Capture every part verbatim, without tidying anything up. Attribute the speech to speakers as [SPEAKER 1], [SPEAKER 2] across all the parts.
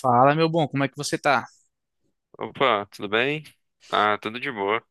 [SPEAKER 1] Fala, meu bom, como é que você tá?
[SPEAKER 2] Opa, tudo bem? Ah, tudo de boa.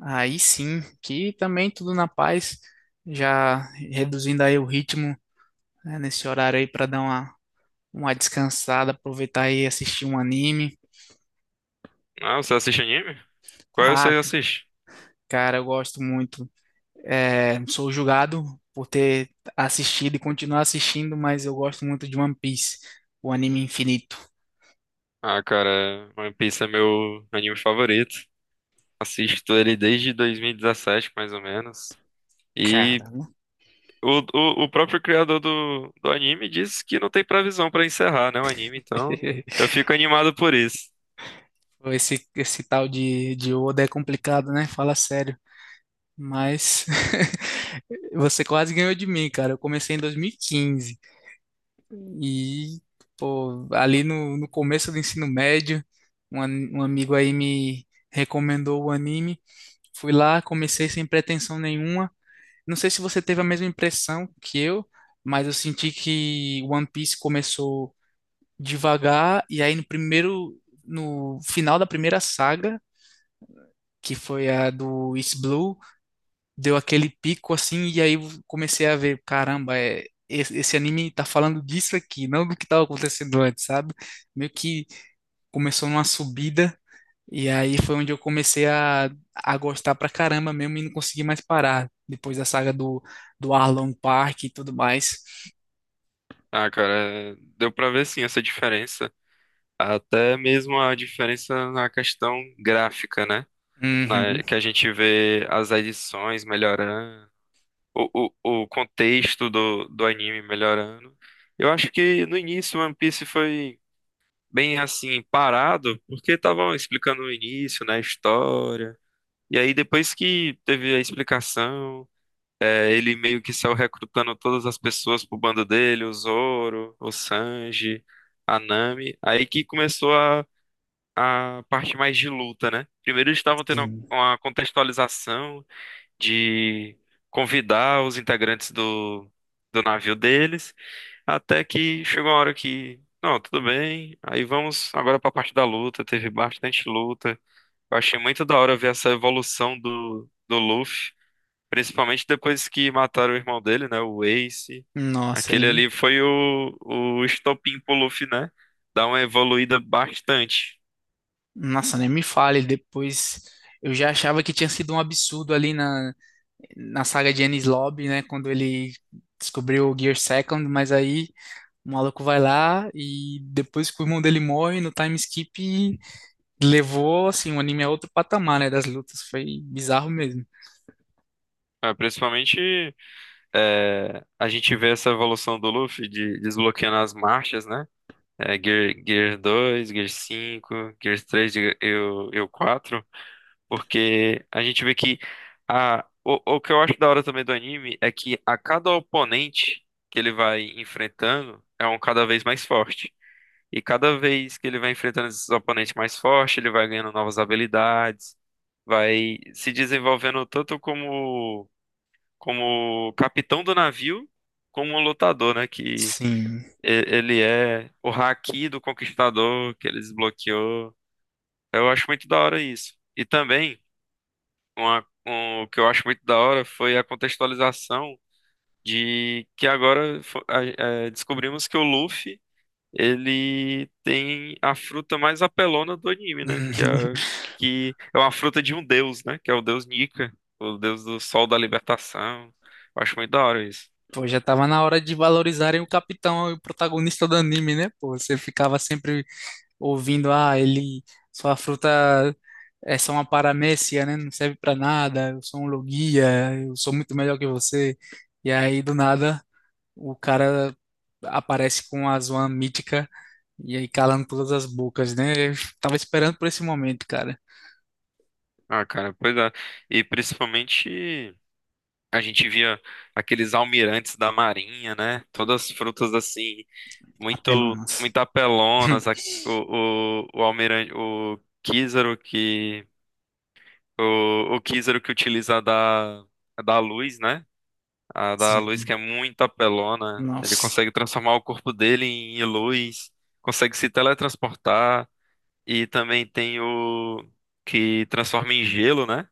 [SPEAKER 1] Aí sim, que também tudo na paz, já reduzindo aí o ritmo, né, nesse horário aí para dar uma, uma descansada, aproveitar e assistir um anime.
[SPEAKER 2] Ah, você assiste anime? Qual você
[SPEAKER 1] Ah,
[SPEAKER 2] assiste?
[SPEAKER 1] cara, eu gosto muito. É, sou julgado por ter assistido e continuar assistindo, mas eu gosto muito de One Piece, o anime infinito.
[SPEAKER 2] Ah, cara, One Piece é meu anime favorito. Assisto ele desde dois mil e dezessete, mais ou menos. E
[SPEAKER 1] Cara,
[SPEAKER 2] o, o, o próprio criador do, do anime disse que não tem previsão pra encerrar, né, o anime, então eu fico animado por isso.
[SPEAKER 1] esse, esse tal de, de Oda é complicado, né? Fala sério. Mas você quase ganhou de mim, cara. Eu comecei em dois mil e quinze e, quinze e, pô, ali no, no começo do ensino médio, um, an- um amigo aí me recomendou o anime. Fui lá, comecei sem pretensão nenhuma. Não sei se você teve a mesma impressão que eu, mas eu senti que One Piece começou devagar e aí no primeiro, no final da primeira saga, que foi a do East Blue, deu aquele pico assim, e aí eu comecei a ver, caramba, é, esse, esse anime tá falando disso aqui, não do que tava acontecendo antes, sabe? Meio que começou numa subida, e aí foi onde eu comecei a, a gostar pra caramba mesmo e não consegui mais parar, depois da saga do, do Arlong Park e tudo mais.
[SPEAKER 2] Ah, cara, é- deu pra ver sim essa diferença. Até mesmo a diferença na questão gráfica, né? Na,
[SPEAKER 1] Uhum,
[SPEAKER 2] que a gente vê as edições melhorando. o, o, o contexto do, do anime melhorando. Eu acho que no início One Piece foi bem assim, parado, porque estavam explicando o início, né, a história. E aí depois que teve a explicação, é, ele meio que saiu recrutando todas as pessoas pro bando dele, o Zoro, o Sanji, a Nami. Aí que começou a, a parte mais de luta, né? Primeiro eles estavam tendo
[SPEAKER 1] sim.
[SPEAKER 2] uma contextualização de convidar os integrantes do, do navio deles, até que chegou a hora que, não, tudo bem, aí vamos agora para a parte da luta, teve bastante luta. Eu achei muito da hora ver essa evolução do, do Luffy, principalmente depois que mataram o irmão dele, né, o Ace.
[SPEAKER 1] Nossa,
[SPEAKER 2] Aquele
[SPEAKER 1] ele.
[SPEAKER 2] ali foi o, o estopim pro Luffy, né? Dar uma evoluída bastante.
[SPEAKER 1] Nossa, nem me fale, depois. Eu já achava que tinha sido um absurdo ali na, na saga de Enies Lobby, né? Quando ele descobriu o Gear Second, mas aí o maluco vai lá e depois que o irmão dele morre no time skip, levou assim, o anime a outro patamar, né? Das lutas. Foi bizarro mesmo.
[SPEAKER 2] É, principalmente. É, a gente vê essa evolução do Luffy de desbloqueando as marchas, né? É, Gear, Gear dois, Gear cinco, Gear três, e o e o quatro, porque a gente vê que a, o, o que eu acho da hora também do anime é que a cada oponente que ele vai enfrentando é um cada vez mais forte. E cada vez que ele vai enfrentando esses oponentes mais fortes, ele vai ganhando novas habilidades, vai se desenvolvendo tanto como como capitão do navio, como um lutador, né? Que
[SPEAKER 1] Sim.
[SPEAKER 2] e- ele é o haki do conquistador que ele desbloqueou. Eu acho muito da hora isso. E também, uma, um- o que eu acho muito da hora foi a contextualização de que agora fo- a- é, descobrimos que o Luffy, ele tem a fruta mais apelona do anime, né? Que é, que é uma fruta de um deus, né? Que é o deus Nika, o deus do sol da libertação. Eu acho muito da hora isso.
[SPEAKER 1] Pô, já tava na hora de valorizarem o capitão e o protagonista do anime, né? Pô, você ficava sempre ouvindo, ah, ele, sua fruta é só uma paramécia, né? Não serve para nada, eu sou um logia, eu sou muito melhor que você. E aí, do nada, o cara aparece com a Zoan mítica e aí calando todas as bocas, né? Eu tava esperando por esse momento, cara.
[SPEAKER 2] Ah, cara, pois é. E principalmente a gente via aqueles almirantes da Marinha, né? Todas as frutas assim, muito,
[SPEAKER 1] Apelonas.
[SPEAKER 2] muito apelonas. A- o, o, o almirante, o Kizaru que, o, o Kizaru que utiliza a da, a da luz, né? A da luz que é
[SPEAKER 1] Sim.
[SPEAKER 2] muito apelona. Ele
[SPEAKER 1] Nossa.
[SPEAKER 2] consegue transformar o corpo dele em luz, consegue se teletransportar. E também tem o que transforma em gelo, né?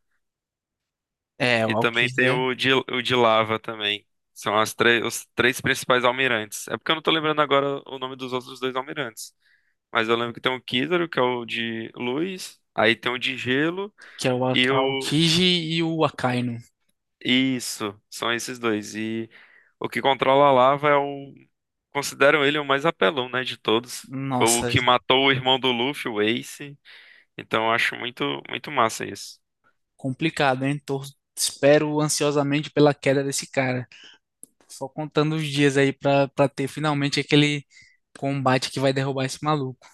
[SPEAKER 1] É,
[SPEAKER 2] E
[SPEAKER 1] o
[SPEAKER 2] também
[SPEAKER 1] Aokiji,
[SPEAKER 2] tem
[SPEAKER 1] é,
[SPEAKER 2] o de, o de lava também. São as três, os três principais almirantes. É porque eu não tô lembrando agora o nome dos outros dois almirantes. Mas eu lembro que tem o Kizaru, que é o de luz, aí tem o de gelo
[SPEAKER 1] que é o A-
[SPEAKER 2] e o.
[SPEAKER 1] Aokiji e o Akainu.
[SPEAKER 2] Isso, são esses dois. E o que controla a lava é o. Consideram ele o mais apelão, né, de todos. Foi o
[SPEAKER 1] Nossa,
[SPEAKER 2] que matou o irmão do Luffy, o Ace. Então eu acho muito, muito massa isso.
[SPEAKER 1] complicado, hein? Tô, espero ansiosamente pela queda desse cara. Só contando os dias aí pra, pra ter finalmente aquele combate que vai derrubar esse maluco.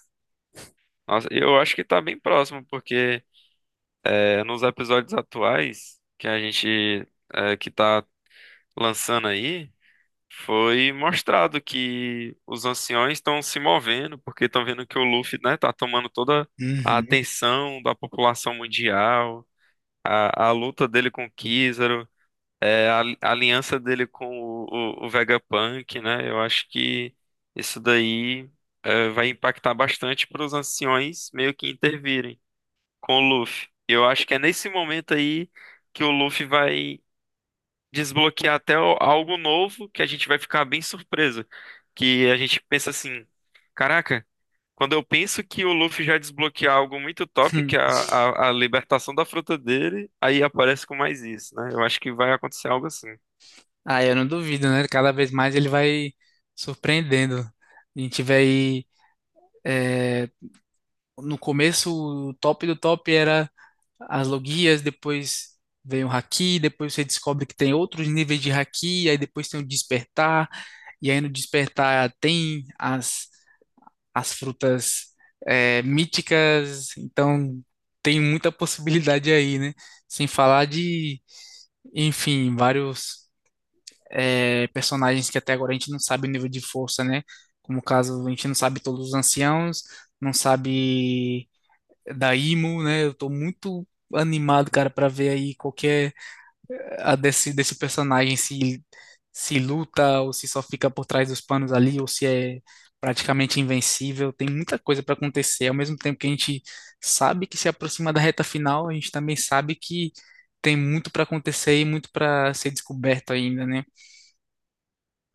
[SPEAKER 2] Nossa, eu acho que tá bem próximo, porque. É, nos episódios atuais que a gente é, que tá lançando aí, foi mostrado que os anciões estão se movendo, porque estão vendo que o Luffy, né, tá tomando toda a
[SPEAKER 1] Uhum.
[SPEAKER 2] atenção da população mundial, a, a luta dele com o Kizaru, é, a, a aliança dele com o, o, o Vegapunk, né? Eu acho que isso daí é, vai impactar bastante para os anciões meio que intervirem com o Luffy. Eu acho que é nesse momento aí que o Luffy vai desbloquear até o- algo novo que a gente vai ficar bem surpreso. Que a gente pensa assim, caraca, quando eu penso que o Luffy já desbloqueou algo muito top, que é a, a, a libertação da fruta dele, aí aparece com mais isso, né? Eu acho que vai acontecer algo assim.
[SPEAKER 1] Ah, eu não duvido, né? Cada vez mais ele vai surpreendendo. A gente vê aí. É, no começo, o top do top era as logias, depois vem o haki, depois você descobre que tem outros níveis de haki, aí depois tem o despertar, e aí no despertar tem as as frutas, é, míticas, então tem muita possibilidade aí, né? Sem falar de, enfim, vários, é, personagens que até agora a gente não sabe o nível de força, né? Como o caso, a gente não sabe todos os anciãos, não sabe da Imo, né? Eu tô muito animado, cara, para ver aí qualquer a desse, desse personagem, se se luta ou se só fica por trás dos panos ali ou se é praticamente invencível. Tem muita coisa para acontecer. Ao mesmo tempo que a gente sabe que se aproxima da reta final, a gente também sabe que tem muito para acontecer e muito para ser descoberto ainda, né?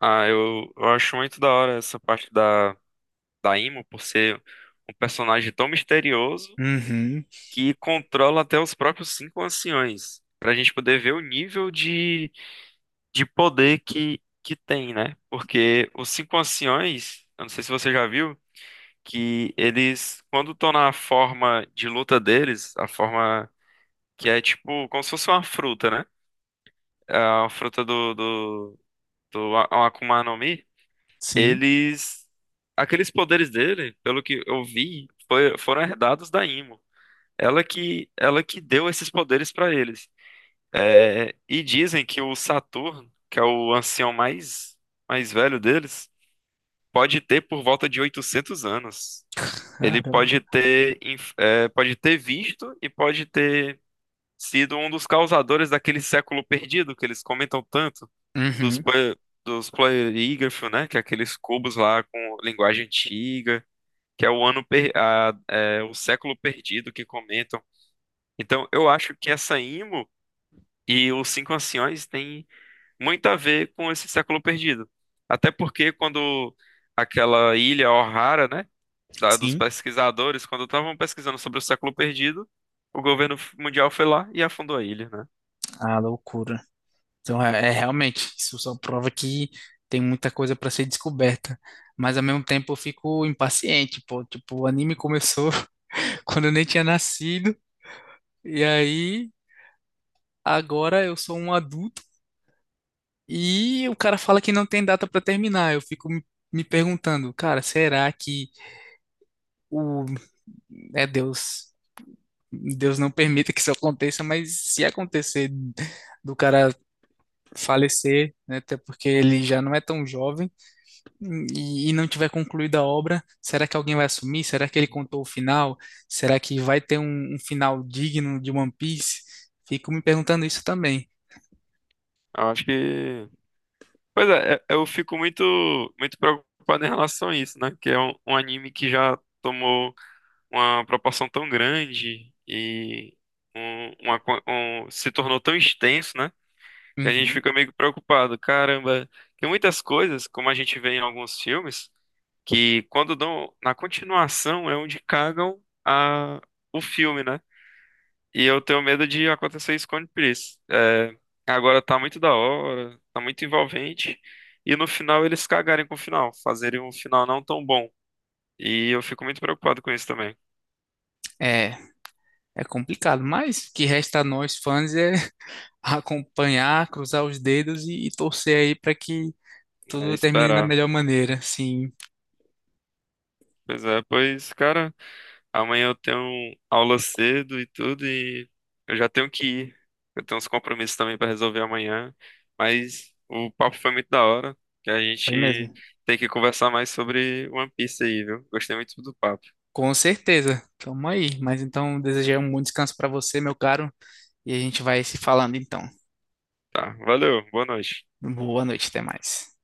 [SPEAKER 2] Ah, eu, eu acho muito da hora essa parte da, da, Imo, por ser um personagem tão misterioso
[SPEAKER 1] Uhum,
[SPEAKER 2] que controla até os próprios cinco anciões, para a gente poder ver o nível de, de, poder que, que tem, né? Porque os cinco anciões, eu não sei se você já viu, que eles, quando estão na forma de luta deles, a forma que é tipo como se fosse uma fruta, né? A fruta do, do, do A- um Akuma no Mi,
[SPEAKER 1] sim.
[SPEAKER 2] eles. Aqueles poderes dele, pelo que eu vi, foi- foram herdados da Imo. Ela que, ela que deu esses poderes para eles. É, e dizem que o Saturno, que é o ancião mais, mais velho deles, pode ter por volta de oitocentos anos. Ele
[SPEAKER 1] Caramba.
[SPEAKER 2] pode ter, inf- é, pode ter visto e pode ter sido um dos causadores daquele século perdido que eles comentam tanto, dos,
[SPEAKER 1] Uhum,
[SPEAKER 2] pla- dos Pleirígrafos, né? Que é aqueles cubos lá com linguagem antiga, que é o ano per- a- é, o século perdido que comentam. Então, eu acho que essa IMO e os Cinco Anciões têm muito a ver com esse século perdido. Até porque quando aquela ilha O'Hara, né, da- dos
[SPEAKER 1] sim.
[SPEAKER 2] pesquisadores, quando estavam pesquisando sobre o século perdido, o governo mundial foi lá e afundou a ilha, né?
[SPEAKER 1] Ah, loucura. Então, é, é realmente, isso só prova que tem muita coisa para ser descoberta. Mas ao mesmo tempo eu fico impaciente, pô. Tipo, o anime começou quando eu nem tinha nascido, e aí agora eu sou um adulto e o cara fala que não tem data para terminar. Eu fico me, me perguntando, cara, será que o é Deus, Deus não permita que isso aconteça, mas se acontecer do cara falecer, né, até porque ele já não é tão jovem e, e não tiver concluída a obra, será que alguém vai assumir? Será que ele contou o final? Será que vai ter um, um final digno de One Piece? Fico me perguntando isso também.
[SPEAKER 2] Eu acho que, pois é, é- eu fico muito muito preocupado em relação a isso, né? Que é um, um anime que já tomou uma proporção tão grande e um, uma co- um- se tornou tão extenso, né? Que a gente fica
[SPEAKER 1] Uhum.
[SPEAKER 2] meio que preocupado. Caramba, tem muitas coisas, como a gente vê em alguns filmes, que quando dão na continuação é onde cagam a, o filme, né? E eu tenho medo de acontecer isso com One Piece. É, agora tá muito da hora, tá muito envolvente, e no final eles cagarem com o final, fazerem um final não tão bom. E eu fico muito preocupado com isso também.
[SPEAKER 1] É, é complicado, mas o que resta a nós fãs é acompanhar, cruzar os dedos e, e torcer aí para que
[SPEAKER 2] É,
[SPEAKER 1] tudo termine da
[SPEAKER 2] esperar.
[SPEAKER 1] melhor maneira. Sim,
[SPEAKER 2] Pois é, pois, cara. Amanhã eu tenho aula cedo e tudo, e eu já tenho que ir. Eu tenho uns compromissos também para resolver amanhã. Mas o papo foi muito da hora, que a
[SPEAKER 1] foi
[SPEAKER 2] gente
[SPEAKER 1] mesmo.
[SPEAKER 2] tem que conversar mais sobre One Piece aí, viu? Gostei muito do papo.
[SPEAKER 1] Com certeza. Tamo aí. Mas então, desejar um bom descanso para você, meu caro, e a gente vai se falando então.
[SPEAKER 2] Tá, valeu, boa noite.
[SPEAKER 1] Boa noite, até mais.